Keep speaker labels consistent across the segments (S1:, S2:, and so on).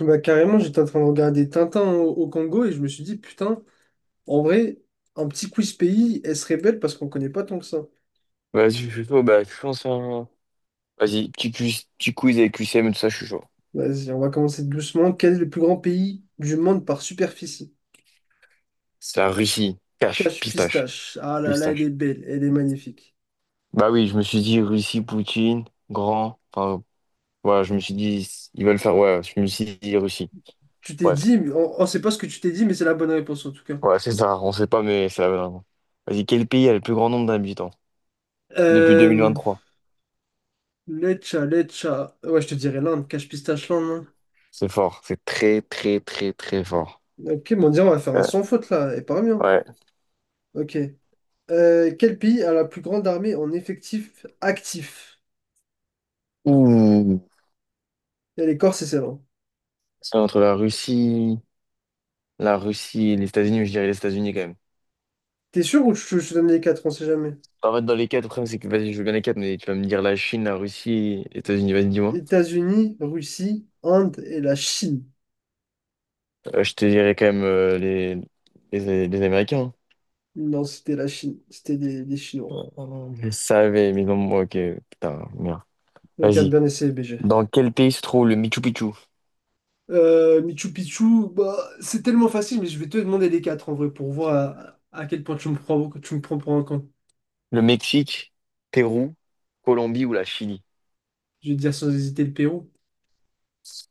S1: Bah, carrément, j'étais en train de regarder Tintin au Congo et je me suis dit, putain, en vrai, un petit quiz pays, elle serait belle parce qu'on connaît pas tant que ça.
S2: Vas-y, je suis chaud. Bah, je lance un. Vas-y, petit quiz avec QCM et tout ça, je suis chaud.
S1: Vas-y, on va commencer doucement. Quel est le plus grand pays du monde par superficie?
S2: C'est la Russie. Cash,
S1: Cache
S2: pistache,
S1: pistache. Ah là là, elle est
S2: pistache.
S1: belle, elle est magnifique.
S2: Bah oui, je me suis dit Russie, Poutine, grand. Enfin, voilà, je me suis dit, ils veulent faire. Ouais, je me suis dit Russie.
S1: Tu t'es
S2: Bref,
S1: dit, mais on sait pas ce que tu t'es dit, mais c'est la bonne réponse en tout cas.
S2: ouais, c'est ça. On sait pas, mais c'est la bonne réponse. Vas-y, quel pays a le plus grand nombre d'habitants depuis
S1: Euh,
S2: 2023?
S1: Lecha, Lecha. Ouais, je te dirais l'Inde, cache pistache l'Inde.
S2: C'est fort. C'est très, très, très, très fort.
S1: Hein. Ok, bon, on dirait, on va faire un
S2: Euh,
S1: sans faute là, et pas bien.
S2: ouais.
S1: Ok. Quel pays a la plus grande armée en effectif actif?
S2: Ouh.
S1: Et les Corses et Céylon.
S2: C'est entre la Russie et les États-Unis, mais je dirais les États-Unis quand même.
S1: T'es sûr ou je te donne les quatre, on sait jamais.
S2: En fait, dans les quatre, le problème, c'est que vas-y, je veux bien les quatre, mais tu vas me dire la Chine, la Russie, les États-Unis, vas-y, dis-moi.
S1: États-Unis, Russie, Inde et la Chine.
S2: Je te dirais quand même les Américains.
S1: Non, c'était la Chine. C'était des Chinois.
S2: Je savais, mais non, moi, ok, putain, merde.
S1: Donc, à
S2: Vas-y.
S1: bien essayé, BG.
S2: Dans quel pays se trouve le Machu Picchu?
S1: Michu Picchu, bah, c'est tellement facile, mais je vais te demander les quatre en vrai pour voir à quel point tu me prends pour un con.
S2: Le Mexique, Pérou, Colombie ou la Chili?
S1: Je vais te dire sans hésiter le Pérou.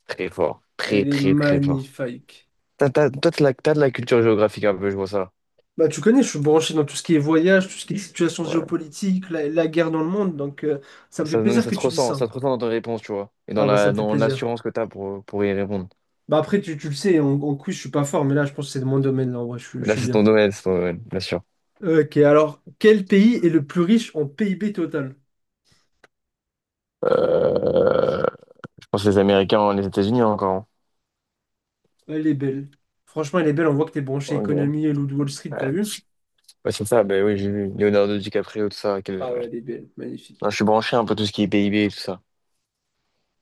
S2: Très fort, très,
S1: Elle est
S2: très, très fort.
S1: magnifique.
S2: Toi, t'as de la culture géographique un peu, je vois ça.
S1: Bah, tu connais, je suis branché dans tout ce qui est voyage, tout ce qui est situation
S2: Ouais.
S1: géopolitique, la guerre dans le monde, donc ça me fait
S2: Ça, non, mais
S1: plaisir
S2: ça
S1: que
S2: se
S1: tu dis
S2: ressent,
S1: ça.
S2: ça se ressent dans tes réponses, tu vois. Et dans
S1: Ah bah ça
S2: la,
S1: me fait
S2: dans
S1: plaisir.
S2: l'assurance que t'as pour y répondre.
S1: Bah après, tu le sais, en quiz, je suis pas fort, mais là, je pense que c'est de mon domaine, là, en vrai, je, suis
S2: Mais
S1: je
S2: là,
S1: suis bien.
S2: c'est ton domaine, bien sûr.
S1: Ok, alors, quel pays est le plus riche en PIB total?
S2: Euh, je pense les Américains, les États-Unis encore. Hein.
S1: Elle est belle. Franchement, elle est belle, on voit que t'es branché
S2: Ok. Ouais.
S1: économie et Loup de Wall Street, t'as vu?
S2: Ouais, c'est ça, ben oui, j'ai vu. Leonardo DiCaprio, tout ça. quel-
S1: Ah ouais,
S2: ouais.
S1: elle est belle,
S2: Non,
S1: magnifique.
S2: je suis branché un peu tout ce qui est PIB et tout ça.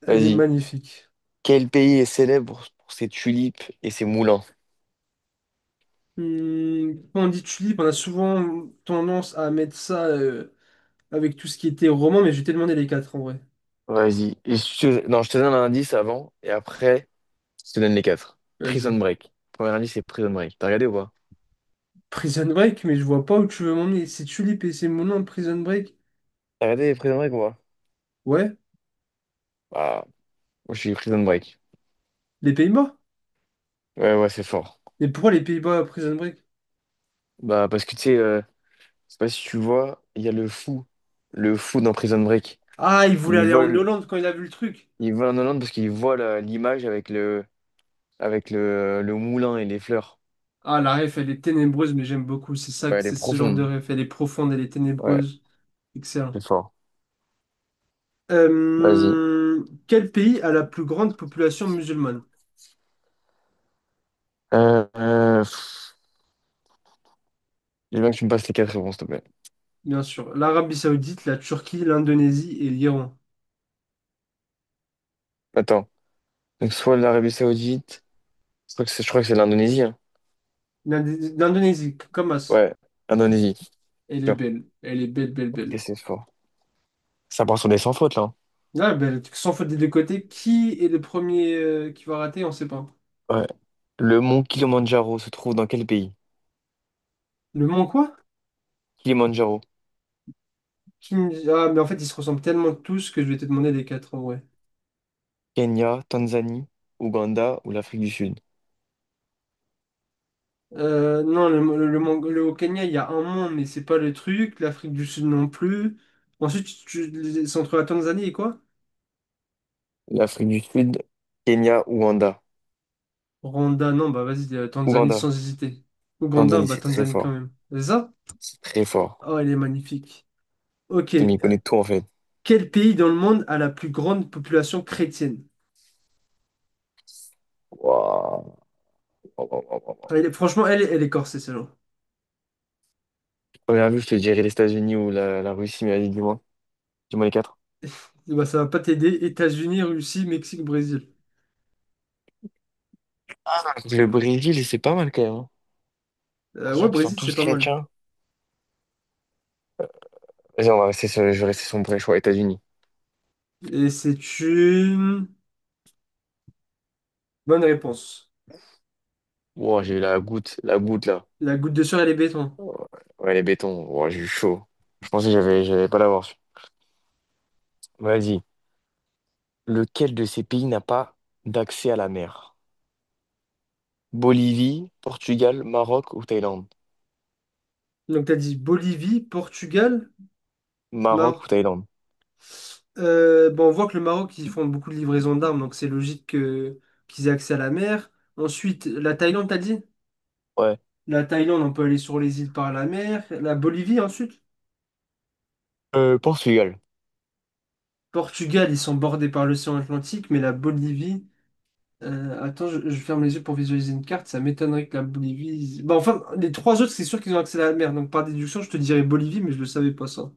S1: Elle est
S2: Vas-y.
S1: magnifique.
S2: Quel pays est célèbre pour ses tulipes et ses moulins?
S1: Hmm, quand on dit tulipe, on a souvent tendance à mettre ça avec tout ce qui était roman, mais je vais te demander les quatre, en vrai.
S2: Vas-y. Et Non, je te donne un indice avant et après, je te donne les quatre. Prison
S1: Vas-y.
S2: Break. Premier indice, c'est Prison Break. T'as regardé ou pas?
S1: Prison Break, mais je vois pas où tu veux m'emmener. C'est tu et c'est mon nom, Prison Break.
S2: T'as regardé Prison Break ou pas?
S1: Ouais,
S2: Bah, moi, je suis Prison Break.
S1: les Pays-Bas.
S2: Ouais, ouais, c'est fort.
S1: Mais pourquoi les Pays-Bas, Prison Break?
S2: Bah, parce que tu sais, je sais pas si tu vois, il y a le fou. Le fou dans Prison Break.
S1: Ah, il voulait
S2: Il
S1: aller en
S2: vole
S1: Hollande quand il a vu le truc.
S2: Il vole en Hollande parce qu'il voit l'image avec le moulin et les fleurs.
S1: Ah, la ref, elle est ténébreuse, mais j'aime beaucoup. C'est ça,
S2: Ouais,
S1: que-
S2: elle est
S1: c'est ce genre de
S2: profonde.
S1: ref. Elle est profonde, elle est
S2: Ouais,
S1: ténébreuse. Excellent.
S2: c'est fort. Vas-y.
S1: Quel pays a la plus grande population musulmane?
S2: Euh, euh, pff, j'ai bien que tu me passes les quatre réponses, s'il te plaît.
S1: Bien sûr, l'Arabie Saoudite, la Turquie, l'Indonésie et l'Iran.
S2: Attends. Donc soit l'Arabie Saoudite, je crois que c'est l'Indonésie. Hein.
S1: L'Indé- L'Indonésie, Kamas.
S2: Ouais, Indonésie.
S1: Elle est
S2: Sûr.
S1: belle. Elle est belle, belle,
S2: Ok,
S1: belle.
S2: c'est fort. Ça part sur des sans fautes là. Hein.
S1: Là, ben, sans faute des deux côtés, qui est le premier qui va rater, on sait pas.
S2: Ouais. Le mont Kilimandjaro se trouve dans quel pays?
S1: Le Mans quoi?
S2: Kilimandjaro,
S1: Qui... me- Ah, mais en fait, ils se ressemblent tellement tous que je vais te demander les quatre en vrai.
S2: Kenya, Tanzanie, Ouganda ou l'Afrique du Sud?
S1: Non, le Mont- le- au Kenya, il y a un Mont, mais c'est pas le truc. L'Afrique du Sud non plus. Ensuite, c'est entre la Tanzanie et quoi?
S2: L'Afrique du Sud, Kenya, Ouganda.
S1: Rwanda, non, bah vas-y, Tanzanie sans
S2: Ouganda.
S1: hésiter. Ouganda,
S2: Tanzanie,
S1: bah
S2: c'est très
S1: Tanzanie quand
S2: fort.
S1: même. C'est ça?
S2: C'est très fort.
S1: Oh, elle est magnifique. Ok,
S2: Tu m'y connais tout, en fait.
S1: quel pays dans le monde a la plus grande population chrétienne?
S2: Waouh. Waouh, waouh, waouh, waouh.
S1: Elle est- franchement, elle est corsée, celle
S2: Première vue, je te dirais les États-Unis ou la Russie, mais allez, dis-moi. Dis-moi les quatre.
S1: bah ça va pas t'aider. États-Unis, Russie, Mexique, Brésil.
S2: Ah, le Brésil, c'est pas mal quand même. Hein. En
S1: Ouais,
S2: sachant qu'ils sont
S1: Brésil, c'est
S2: tous
S1: pas mal.
S2: chrétiens. Vas-y, on va rester sur, je vais rester sur mon premier choix, États-Unis.
S1: Et c'est une bonne réponse.
S2: Wow, j'ai eu la goutte là.
S1: La goutte de sueur, elle est béton.
S2: Ouais, ouais, les bétons. Wow, j'ai eu chaud. Je pensais que j'avais, j'allais pas l'avoir. Vas-y. Lequel de ces pays n'a pas d'accès à la mer? Bolivie, Portugal, Maroc ou Thaïlande?
S1: Donc, t'as dit Bolivie, Portugal,
S2: Maroc
S1: Maroc.
S2: ou Thaïlande?
S1: Bon, on voit que le Maroc, ils font beaucoup de livraisons d'armes, donc c'est logique que qu'ils aient accès à la mer. Ensuite, la Thaïlande, t'as dit?
S2: Ouais.
S1: La Thaïlande, on peut aller sur les îles par la mer. La Bolivie, ensuite.
S2: Portugal.
S1: Portugal, ils sont bordés par l'océan Atlantique, mais la Bolivie. Attends, je ferme les yeux pour visualiser une carte. Ça m'étonnerait que la Bolivie. Bah, enfin, les trois autres, c'est sûr qu'ils ont accès à la mer. Donc, par déduction, je te dirais Bolivie, mais je le savais pas ça.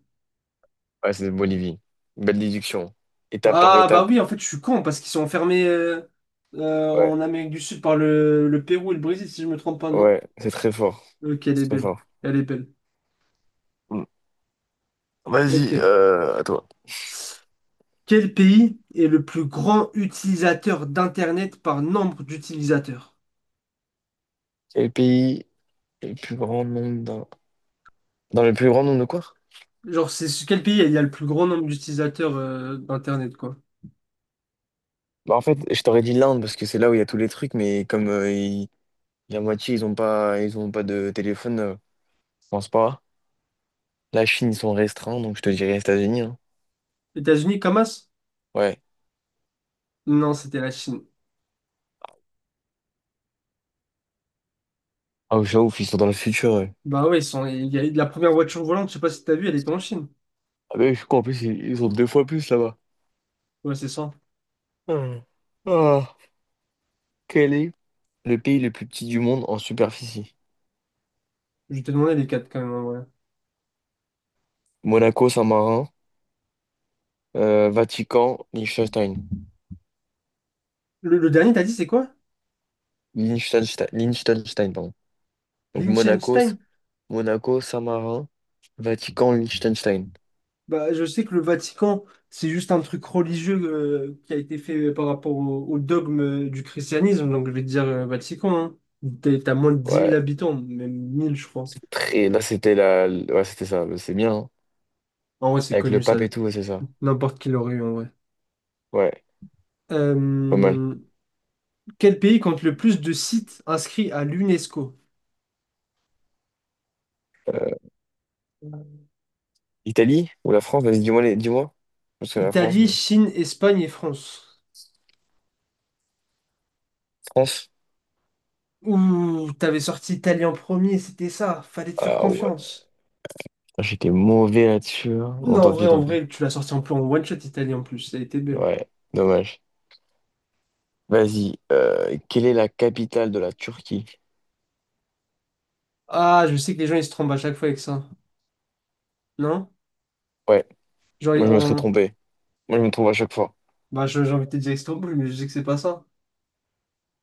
S2: Ouais, c'est de Bolivie. Belle déduction. Étape par
S1: Ah, bah
S2: étape.
S1: oui, en fait, je suis con parce qu'ils sont enfermés
S2: Ouais,
S1: en Amérique du Sud par le Pérou et le Brésil, si je me trompe pas, non?
S2: ouais, c'est très fort.
S1: Ok, elle est
S2: C'est très
S1: belle.
S2: fort.
S1: Elle est belle.
S2: Mm. Vas-y,
S1: Ok.
S2: à toi.
S1: Quel pays est le plus grand utilisateur d'Internet par nombre d'utilisateurs?
S2: Quel pays est le plus grand nombre d'un... Dans le plus grand nombre de quoi?
S1: Genre, c'est quel pays il y a le plus grand nombre d'utilisateurs d'Internet, quoi?
S2: Bah, en fait, je t'aurais dit l'Inde parce que c'est là où il y a tous les trucs, mais comme la moitié, ils ont pas de téléphone, je pense pas. La Chine, ils sont restreints, donc je te dirais les États-Unis. Hein.
S1: États-Unis, Comas?
S2: Ouais.
S1: Non, c'était la Chine.
S2: Ah, je ouf, ils sont dans le futur. Ouais.
S1: Bah ouais, ils sont... il y a eu de la première voiture volante, je sais pas si t'as vu, elle était en Chine.
S2: Ah, mais je crois en plus, ils ont deux fois plus là-bas.
S1: Ouais, c'est ça.
S2: Ah, ah, quel est le pays le plus petit du monde en superficie.
S1: Je t'ai demandé les quatre quand même en vrai.
S2: Monaco, Saint-Marin, Vatican, Liechtenstein.
S1: Le dernier, t'as dit, c'est quoi?
S2: Liechtenstein, Liechtenstein, pardon. Donc Monaco,
S1: Liechtenstein?
S2: Monaco, Saint-Marin, Vatican, Liechtenstein.
S1: Bah, je sais que le Vatican, c'est juste un truc religieux qui a été fait par rapport au dogme du christianisme, donc je vais te dire Vatican. Hein. T'es- T'as moins de dix
S2: Ouais,
S1: mille habitants, même 1000 je crois.
S2: c'est très... Là, c'était la... Ouais, c'était ça. C'est bien, hein.
S1: En vrai, c'est
S2: Avec le
S1: connu ça.
S2: pape et tout, ouais, c'est ça.
S1: N'importe qui l'aurait eu en vrai.
S2: Ouais, pas mal.
S1: Euh, quel pays compte le plus de sites inscrits à l'UNESCO?
S2: Euh, Italie ou la France? Vas-y, dis-moi, dis-moi. Parce que la France,
S1: Italie,
S2: mais...
S1: Chine, Espagne et France.
S2: France?
S1: Ouh, t'avais sorti Italie en premier, c'était ça. Fallait te faire
S2: Ah ouais.
S1: confiance.
S2: Putain, j'étais mauvais là-dessus. Hein. Bon,
S1: Non,
S2: tant pis,
S1: en
S2: tant pis.
S1: vrai, tu l'as sorti en plan one shot Italie en plus. Ça a été belle.
S2: Ouais, dommage. Vas-y, quelle est la capitale de la Turquie?
S1: Ah, je sais que les gens ils se trompent à chaque fois avec ça. Non?
S2: Ouais,
S1: Genre,
S2: moi
S1: ils-
S2: je me serais
S1: en...
S2: trompé. Moi je me trompe à chaque fois.
S1: bah, je- j'ai envie de te dire Istanbul mais je sais que c'est pas ça.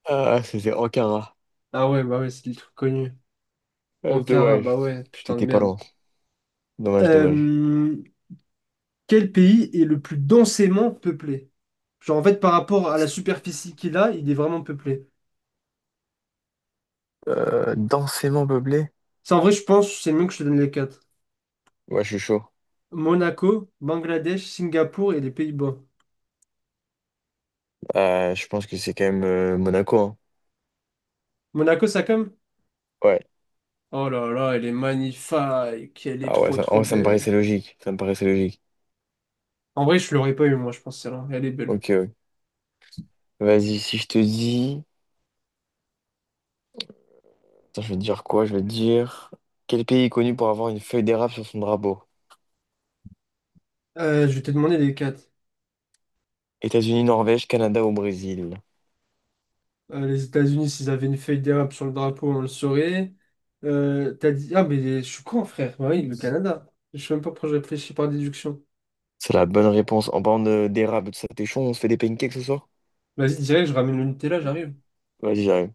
S2: Ah, c'était Ankara.
S1: Ah ouais, bah ouais, c'est le truc connu.
S2: Ah, c'est
S1: Ankara,
S2: dommage.
S1: bah ouais, putain de
S2: C'était pas
S1: merde.
S2: loin. Dommage, dommage.
S1: Euh, Quel pays est le plus densément peuplé? Genre, en fait, par rapport à la superficie qu'il a, il est vraiment peuplé.
S2: Densément peuplé?
S1: Ça, en vrai, je pense, c'est mieux que je te donne les quatre.
S2: Ouais, je suis chaud.
S1: Monaco, Bangladesh, Singapour et les Pays-Bas.
S2: Je pense que c'est quand même Monaco. Hein.
S1: Monaco, ça comme?
S2: Ouais.
S1: Oh là là, elle est magnifique. Elle est
S2: Ah ouais,
S1: trop,
S2: ça, en
S1: trop
S2: vrai, ça me
S1: belle.
S2: paraissait logique. Ça me paraissait logique.
S1: En vrai, je l'aurais pas eu, moi, je pense, celle-là. Elle est belle.
S2: Ok, ok. Vas-y, si je te dis... Attends, je vais te dire quoi? Je vais te dire... Quel pays est connu pour avoir une feuille d'érable sur son drapeau?
S1: Je vais te demander les quatre.
S2: États-Unis, Norvège, Canada ou Brésil?
S1: Les États-Unis, s'ils avaient une feuille d'érable sur le drapeau, on le saurait. T'as dit... Ah, mais je suis con, frère. Bah oui, le Canada. Je sais même pas pourquoi je réfléchis par déduction.
S2: C'est la bonne réponse. En parlant d'érable, ça t'es chaud, on se fait des pancakes ce soir?
S1: Vas-y, direct, je ramène le Nutella, j'arrive.
S2: Vas-y, j'arrive.